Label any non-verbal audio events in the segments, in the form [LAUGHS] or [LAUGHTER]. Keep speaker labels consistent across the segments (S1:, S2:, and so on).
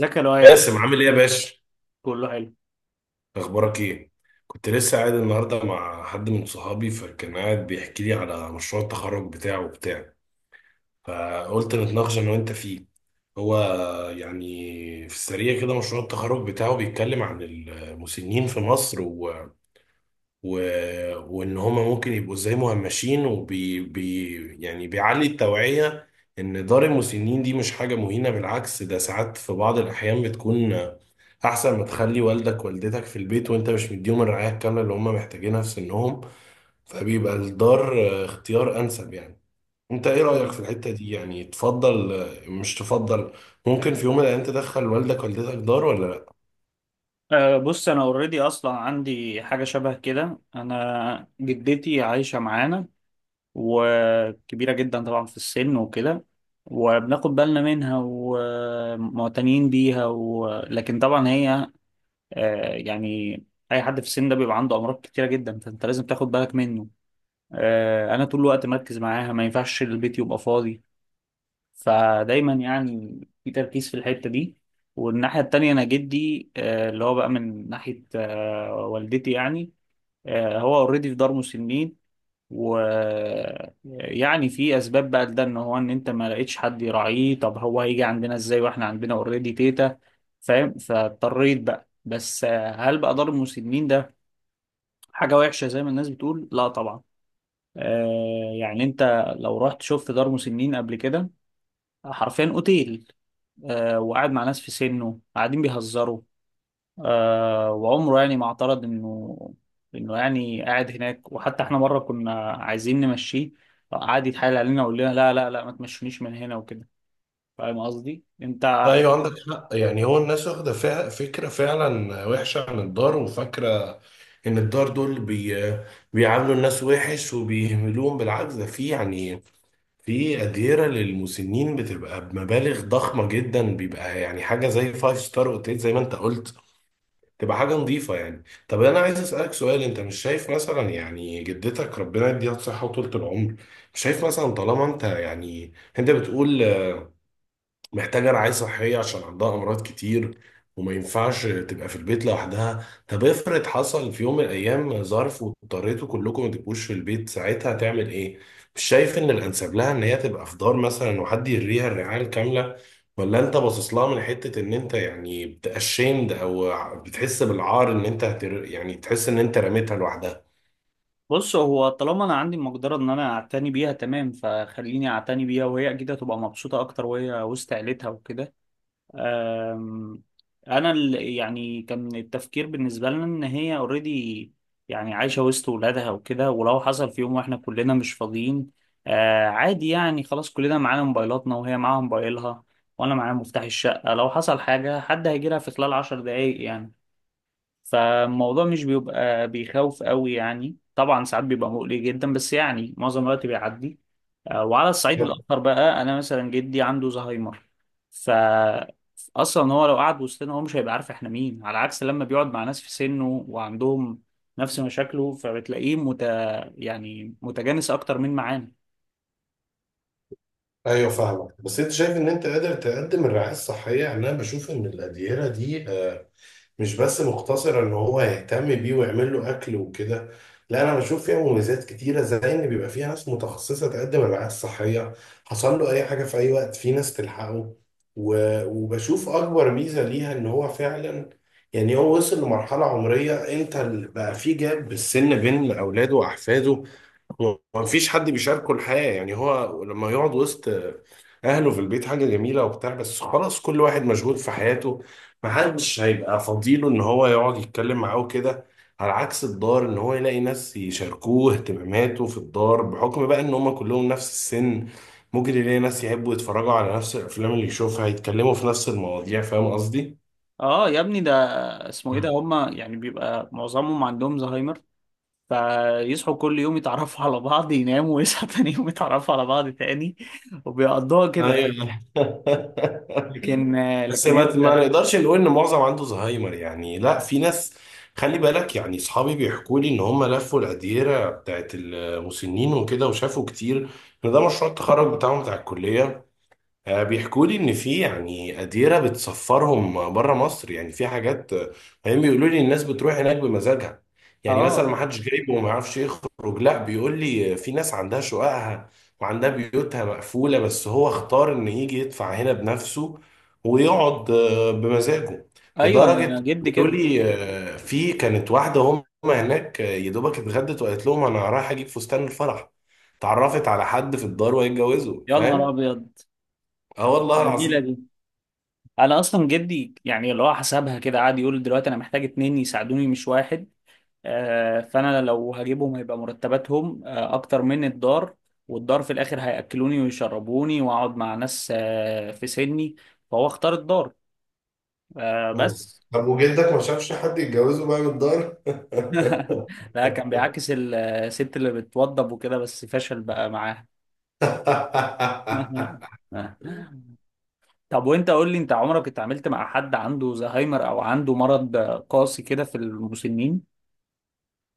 S1: ذكي لوايع.
S2: باسم، عامل ايه يا باشا؟
S1: كله حلو.
S2: اخبارك ايه؟ كنت لسه قاعد النهارده مع حد من صحابي فكان قاعد بيحكي لي على مشروع التخرج بتاعه وبتاع. فقلت نتناقش انا وانت فيه. هو يعني في السريع كده مشروع التخرج بتاعه بيتكلم عن المسنين في مصر و... وان هما ممكن يبقوا ازاي مهمشين يعني بيعلي التوعية ان دار المسنين دي مش حاجة مهينة، بالعكس ده ساعات في بعض الاحيان بتكون احسن ما تخلي والدك والدتك في البيت وانت مش مديهم الرعاية الكاملة اللي هم محتاجينها في سنهم. فبيبقى الدار اختيار انسب يعني. انت ايه رأيك في
S1: مم.
S2: الحتة دي؟ يعني تفضل مش تفضل؟ ممكن في يوم من الايام تدخل والدك والدتك دار ولا لا؟
S1: أه، بص، انا اوريدي اصلا عندي حاجه شبه كده. انا جدتي عايشه معانا وكبيره جدا طبعا في السن وكده. وبناخد بالنا منها ومعتنيين بيها، و... لكن طبعا هي يعني اي حد في السن ده بيبقى عنده امراض كتيره جدا، فانت لازم تاخد بالك منه. انا طول الوقت مركز معاها، ما ينفعش البيت يبقى فاضي، فدايما يعني في تركيز في الحتة دي. والناحية التانية أنا جدي، اللي هو بقى من ناحية والدتي يعني، هو اوريدي في دار مسنين. ويعني في أسباب بقى لده، إن هو إن أنت ما لقيتش حد يراعيه، طب هو هيجي عندنا إزاي وإحنا عندنا اوريدي تيتا؟ فاهم، فاضطريت بقى. بس هل بقى دار المسنين ده حاجة وحشة زي ما الناس بتقول؟ لا طبعا. آه، يعني أنت لو رحت شفت دار مسنين قبل كده، حرفيا أوتيل. آه، وقاعد مع ناس في سنه قاعدين بيهزروا. آه، وعمره يعني ما اعترض انه يعني قاعد هناك. وحتى احنا مره كنا عايزين نمشيه، قعد يتحايل علينا ويقول لنا لا لا لا، ما تمشونيش من هنا وكده. فاهم قصدي انت.
S2: ايوه، عندك حق. يعني هو الناس واخدة فكرة فعلا وحشة عن الدار، وفاكرة ان الدار دول بيعاملوا الناس وحش وبيهملوهم. بالعكس، ده في يعني في أديرة للمسنين بتبقى بمبالغ ضخمة جدا، بيبقى يعني حاجة زي فايف ستار اوتيل زي ما انت قلت، تبقى حاجة نظيفة. يعني طب انا عايز اسألك سؤال، انت مش شايف مثلا يعني جدتك، ربنا يديها الصحة وطولة العمر، مش شايف مثلا طالما انت يعني انت بتقول محتاجة رعاية صحية عشان عندها أمراض كتير، وما ينفعش تبقى في البيت لوحدها؟ طب افرض حصل في يوم من الأيام ظرف واضطريتوا كلكم ما تبقوش في البيت، ساعتها هتعمل إيه؟ مش شايف إن الأنسب لها إن هي تبقى في دار مثلا وحد يريها الرعاية الكاملة؟ ولا أنت باصص لها من حتة إن أنت يعني بتأشيمد أو بتحس بالعار إن أنت يعني تحس إن أنت رميتها لوحدها؟
S1: بص، هو طالما انا عندي المقدره ان انا اعتني بيها تمام، فخليني اعتني بيها، وهي اكيد هتبقى مبسوطه اكتر وهي وسط عيلتها وكده. أم، انا يعني كان التفكير بالنسبه لنا ان هي اوريدي يعني عايشه وسط ولادها وكده. ولو حصل في يوم واحنا كلنا مش فاضيين، آه عادي يعني، خلاص كلنا معانا موبايلاتنا وهي معاها موبايلها، وانا معايا مفتاح الشقه. لو حصل حاجه، حد هيجي لها في خلال 10 دقايق يعني. فالموضوع مش بيبقى بيخوف قوي يعني. طبعا ساعات بيبقى مقلق جدا، بس يعني معظم الوقت بيعدي. آه، وعلى الصعيد
S2: يب.
S1: الآخر بقى، أنا مثلا جدي عنده زهايمر. ف، أصلا هو لو قعد وسطنا هو مش هيبقى عارف إحنا مين، على عكس لما بيقعد مع ناس في سنه وعندهم نفس مشاكله، فبتلاقيه يعني متجانس أكتر من معانا.
S2: ايوه فاهمك. بس انت شايف ان انت قادر تقدم الرعايه الصحيه؟ يعني انا بشوف ان الاديره دي مش بس مقتصر ان هو يهتم بيه ويعمل له اكل وكده، لا، انا بشوف فيها مميزات كتيره، زي ان بيبقى فيها ناس متخصصه تقدم الرعايه الصحيه، حصل له اي حاجه في اي وقت في ناس تلحقه. وبشوف اكبر ميزه ليها ان هو فعلا يعني هو وصل لمرحله عمريه، انت بقى في جاب بالسن بين اولاده واحفاده، هو مفيش حد بيشاركه الحياة. يعني هو لما يقعد وسط أهله في البيت حاجة جميلة وبتاع، بس خلاص كل واحد مشغول في حياته، محدش هيبقى فضيله إن هو يقعد يتكلم معاه وكده. على عكس الدار، إن هو يلاقي ناس يشاركوه اهتماماته في الدار بحكم بقى إن هما كلهم نفس السن، ممكن يلاقي ناس يحبوا يتفرجوا على نفس الأفلام اللي يشوفها، يتكلموا في نفس المواضيع. فاهم قصدي؟
S1: آه، يا ابني ده اسمه
S2: [LAUGHS]
S1: إيه، ده
S2: مم.
S1: هما يعني بيبقى معظمهم عندهم زهايمر. فيصحوا كل يوم يتعرفوا على بعض، يناموا ويصحوا تاني يوم يتعرفوا على بعض تاني، وبيقضوها كده.
S2: ايوه.
S1: لكن
S2: [LAUGHS] بس
S1: لكن
S2: ما
S1: انت،
S2: نقدرش نقول ان معظم عنده زهايمر يعني، لا في ناس. خلي بالك، يعني اصحابي بيحكوا لي ان هم لفوا الاديره بتاعت المسنين وكده وشافوا كتير، ان ده مشروع التخرج بتاعهم بتاع الكليه. بيحكوا لي ان في يعني قديره بتسفرهم بره مصر، يعني في حاجات هم بيقولوا لي الناس بتروح هناك بمزاجها، يعني مثلا
S1: اه،
S2: ما حدش جايبه وما يعرفش يخرج. لا، بيقول لي في ناس عندها شققها وعندها بيوتها مقفوله بس هو اختار ان يجي يدفع هنا بنفسه ويقعد بمزاجه.
S1: ايوه، انا
S2: لدرجه
S1: جدي
S2: بيقولوا
S1: كده.
S2: لي في كانت واحده هم هناك يا دوبك اتغدت وقالت لهم انا رايحه اجيب فستان الفرح، اتعرفت على حد في الدار وهيتجوزوا.
S1: يا نهار
S2: فاهم؟
S1: ابيض،
S2: اه والله
S1: جميله
S2: العظيم.
S1: دي. انا اصلا جدي يعني اللي هو حسبها كده، قعد يقول دلوقتي انا محتاج اتنين يساعدوني مش واحد. آه، فانا لو هجيبهم هيبقى مرتباتهم اكتر من الدار، والدار في الاخر هياكلوني ويشربوني واقعد مع ناس في سني، فهو اختار الدار. آه،
S2: مم.
S1: بس.
S2: طب وجلدك ما شافش حد يتجوزه بقى من الدار؟ [LAUGHS]
S1: [LAUGHS] لا، كان بيعاكس الست اللي بتوضب وكده، بس فشل بقى معاها. [LAUGHS] طب وانت قول لي، انت عمرك اتعاملت مع حد عنده زهايمر او عنده مرض قاسي كده في المسنين؟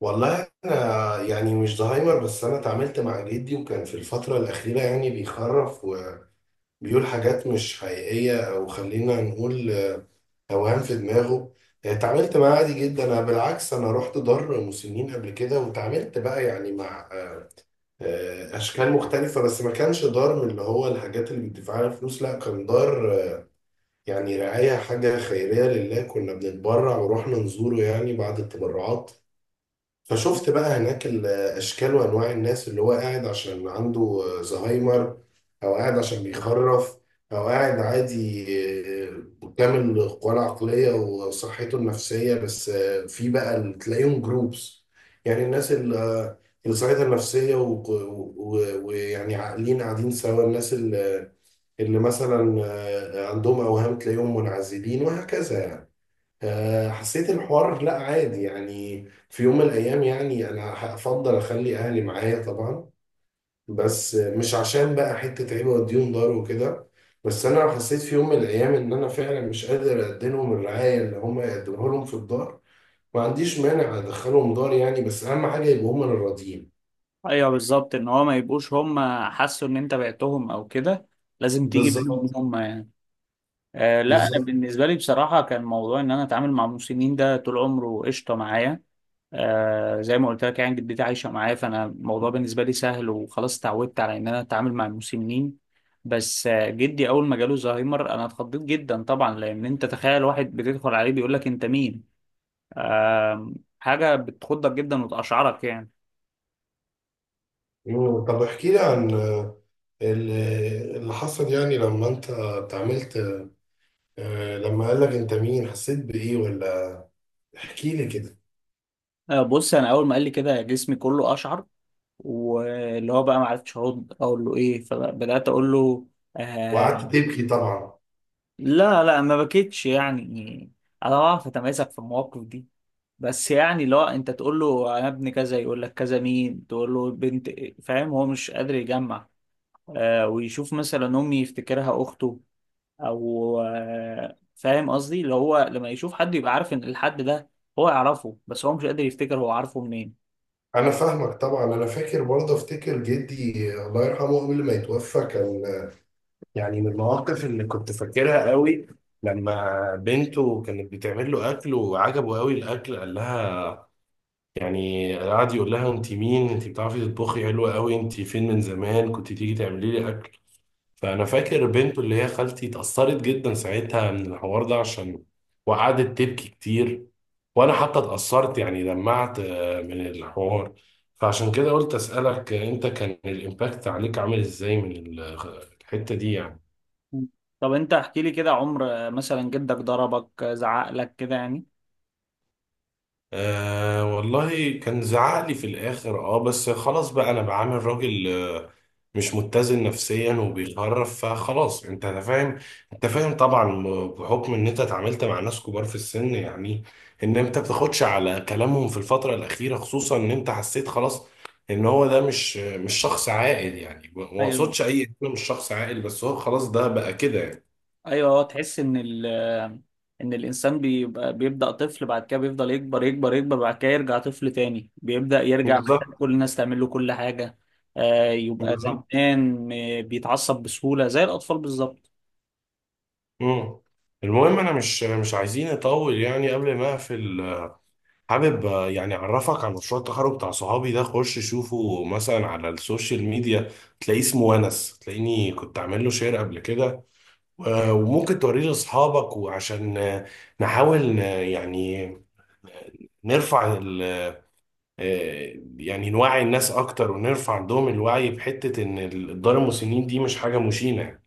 S2: والله انا يعني مش زهايمر، بس انا اتعاملت مع جدي وكان في الفتره الاخيره يعني بيخرف وبيقول حاجات مش حقيقيه، او خلينا نقول اوهام في دماغه. اتعاملت معاه عادي جدا. انا بالعكس انا رحت دار مسنين قبل كده وتعاملت بقى يعني مع اشكال مختلفه، بس ما كانش دار من اللي هو الحاجات اللي بتدفع لها فلوس، لا كان دار يعني رعاية، حاجة خيرية لله، كنا بنتبرع ورحنا نزوره يعني بعد التبرعات. فشفت بقى هناك الأشكال وأنواع الناس، اللي هو قاعد عشان عنده زهايمر، أو قاعد عشان بيخرف، أو قاعد عادي كامل القوى العقلية وصحته النفسية. بس في بقى اللي تلاقيهم جروبس، يعني الناس اللي اللي صحتها النفسية ويعني عاقلين قاعدين سوا، الناس اللي مثلا عندهم اوهام تلاقيهم منعزلين، وهكذا يعني. حسيت الحوار لا عادي. يعني في يوم من الايام يعني انا هفضل اخلي اهلي معايا طبعا، بس مش عشان بقى حته عيب اوديهم دار وكده، بس انا حسيت في يوم من الايام ان انا فعلا مش قادر اقدم لهم الرعايه اللي هم يقدموها لهم في الدار، ما عنديش مانع ادخلهم دار يعني، بس اهم حاجه يبقوا هم اللي راضيين.
S1: ايوه بالظبط، ان هو ما يبقوش هم حسوا ان انت بعتهم او كده، لازم تيجي منهم
S2: بالظبط.
S1: هم يعني. آه، لا انا
S2: بالظبط.
S1: بالنسبه لي بصراحه كان موضوع ان انا اتعامل مع المسنين ده طول عمره قشطه معايا. آه، زي ما قلت لك يعني، جدتي عايشة معايا فأنا الموضوع بالنسبة لي سهل، وخلاص اتعودت على إن أنا أتعامل مع المسنين. بس آه، جدي أول ما جاله زهايمر أنا اتخضيت جدا طبعا، لأن أنت تخيل واحد بتدخل عليه بيقول لك أنت مين؟ آه، حاجة بتخضك جدا وتقشعرك يعني.
S2: مم. طب احكي لي عن اللي حصل، يعني لما انت اتعاملت لما قال لك انت مين، حسيت بايه؟ ولا احكي لي كده.
S1: آه، بص أنا أول ما قال لي كده جسمي كله أشعر. واللي هو بقى ما عرفتش أرد أقول له إيه، فبدأت أقول له
S2: وقعدت
S1: آه.
S2: تبكي طبعا؟
S1: لا لا ما بكيتش يعني، أنا بعرف أتماسك في المواقف دي. بس يعني، لا انت تقول له انا ابن كذا يقول لك كذا مين، تقول له بنت. فاهم، هو مش قادر يجمع. آه، ويشوف مثلا امي يفتكرها اخته او فاهم قصدي، اللي هو لما يشوف حد يبقى عارف ان الحد ده هو يعرفه، بس هو مش قادر يفتكر هو عارفه منين.
S2: انا فاهمك طبعا. انا فاكر برضه، افتكر جدي الله يرحمه قبل ما يتوفى كان يعني، من المواقف اللي كنت فاكرها قوي، لما بنته كانت بتعمل له اكل وعجبه قوي الاكل، قال لها يعني قعد يقول لها انت مين؟ انت بتعرفي تطبخي حلوه قوي، انت فين من زمان كنت تيجي تعملي لي اكل. فانا فاكر بنته اللي هي خالتي اتأثرت جدا ساعتها من الحوار ده عشان، وقعدت تبكي كتير. وانا حتى اتأثرت يعني، دمعت من الحوار. فعشان كده قلت اسألك انت كان الامباكت عليك عامل ازاي من الحتة دي يعني؟
S1: طب انت احكي لي كده، عمر مثلا جدك ضربك، زعق لك كده يعني؟
S2: والله كان زعق لي في الاخر اه، بس خلاص بقى انا بعامل راجل مش متزن نفسيا وبيخرف، فخلاص انت فاهم، انت فاهم طبعا بحكم ان انت اتعاملت مع ناس كبار في السن، يعني ان انت بتاخدش على كلامهم في الفترة الاخيرة، خصوصا ان انت حسيت خلاص ان هو ده مش شخص عاقل، يعني ما
S1: ايوه
S2: اقصدش اي انه مش شخص عاقل، بس هو خلاص ده بقى كده يعني.
S1: ايوه، هو تحس ان ان الانسان بيبقى بيبدا طفل، بعد كده بيفضل يكبر يكبر يكبر، بعد كده يرجع طفل تاني، بيبدا يرجع محتاج
S2: بالظبط.
S1: كل الناس تعمل له كل حاجه. آه، يبقى
S2: بالظبط.
S1: زمان بيتعصب بسهوله زي الاطفال بالظبط.
S2: مم. المهم انا مش عايزين نطول، يعني قبل ما اقفل حابب يعني اعرفك على مشروع التخرج بتاع صحابي ده، خش شوفه مثلا على السوشيال ميديا، تلاقيه اسمه ونس، تلاقيني كنت عامل له شير قبل كده، وممكن توريه لاصحابك، وعشان نحاول يعني نرفع يعني نوعي الناس اكتر ونرفع عندهم الوعي بحتة ان الدار المسنين دي مش حاجة مشينة.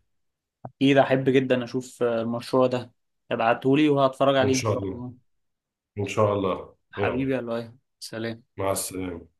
S1: اكيد، احب جدا اشوف المشروع ده، ابعتهولي وهتفرج
S2: ان
S1: عليه ان
S2: شاء
S1: شاء
S2: الله.
S1: الله.
S2: ان شاء الله، يلا.
S1: حبيبي يا لؤي، سلام.
S2: مع السلامة.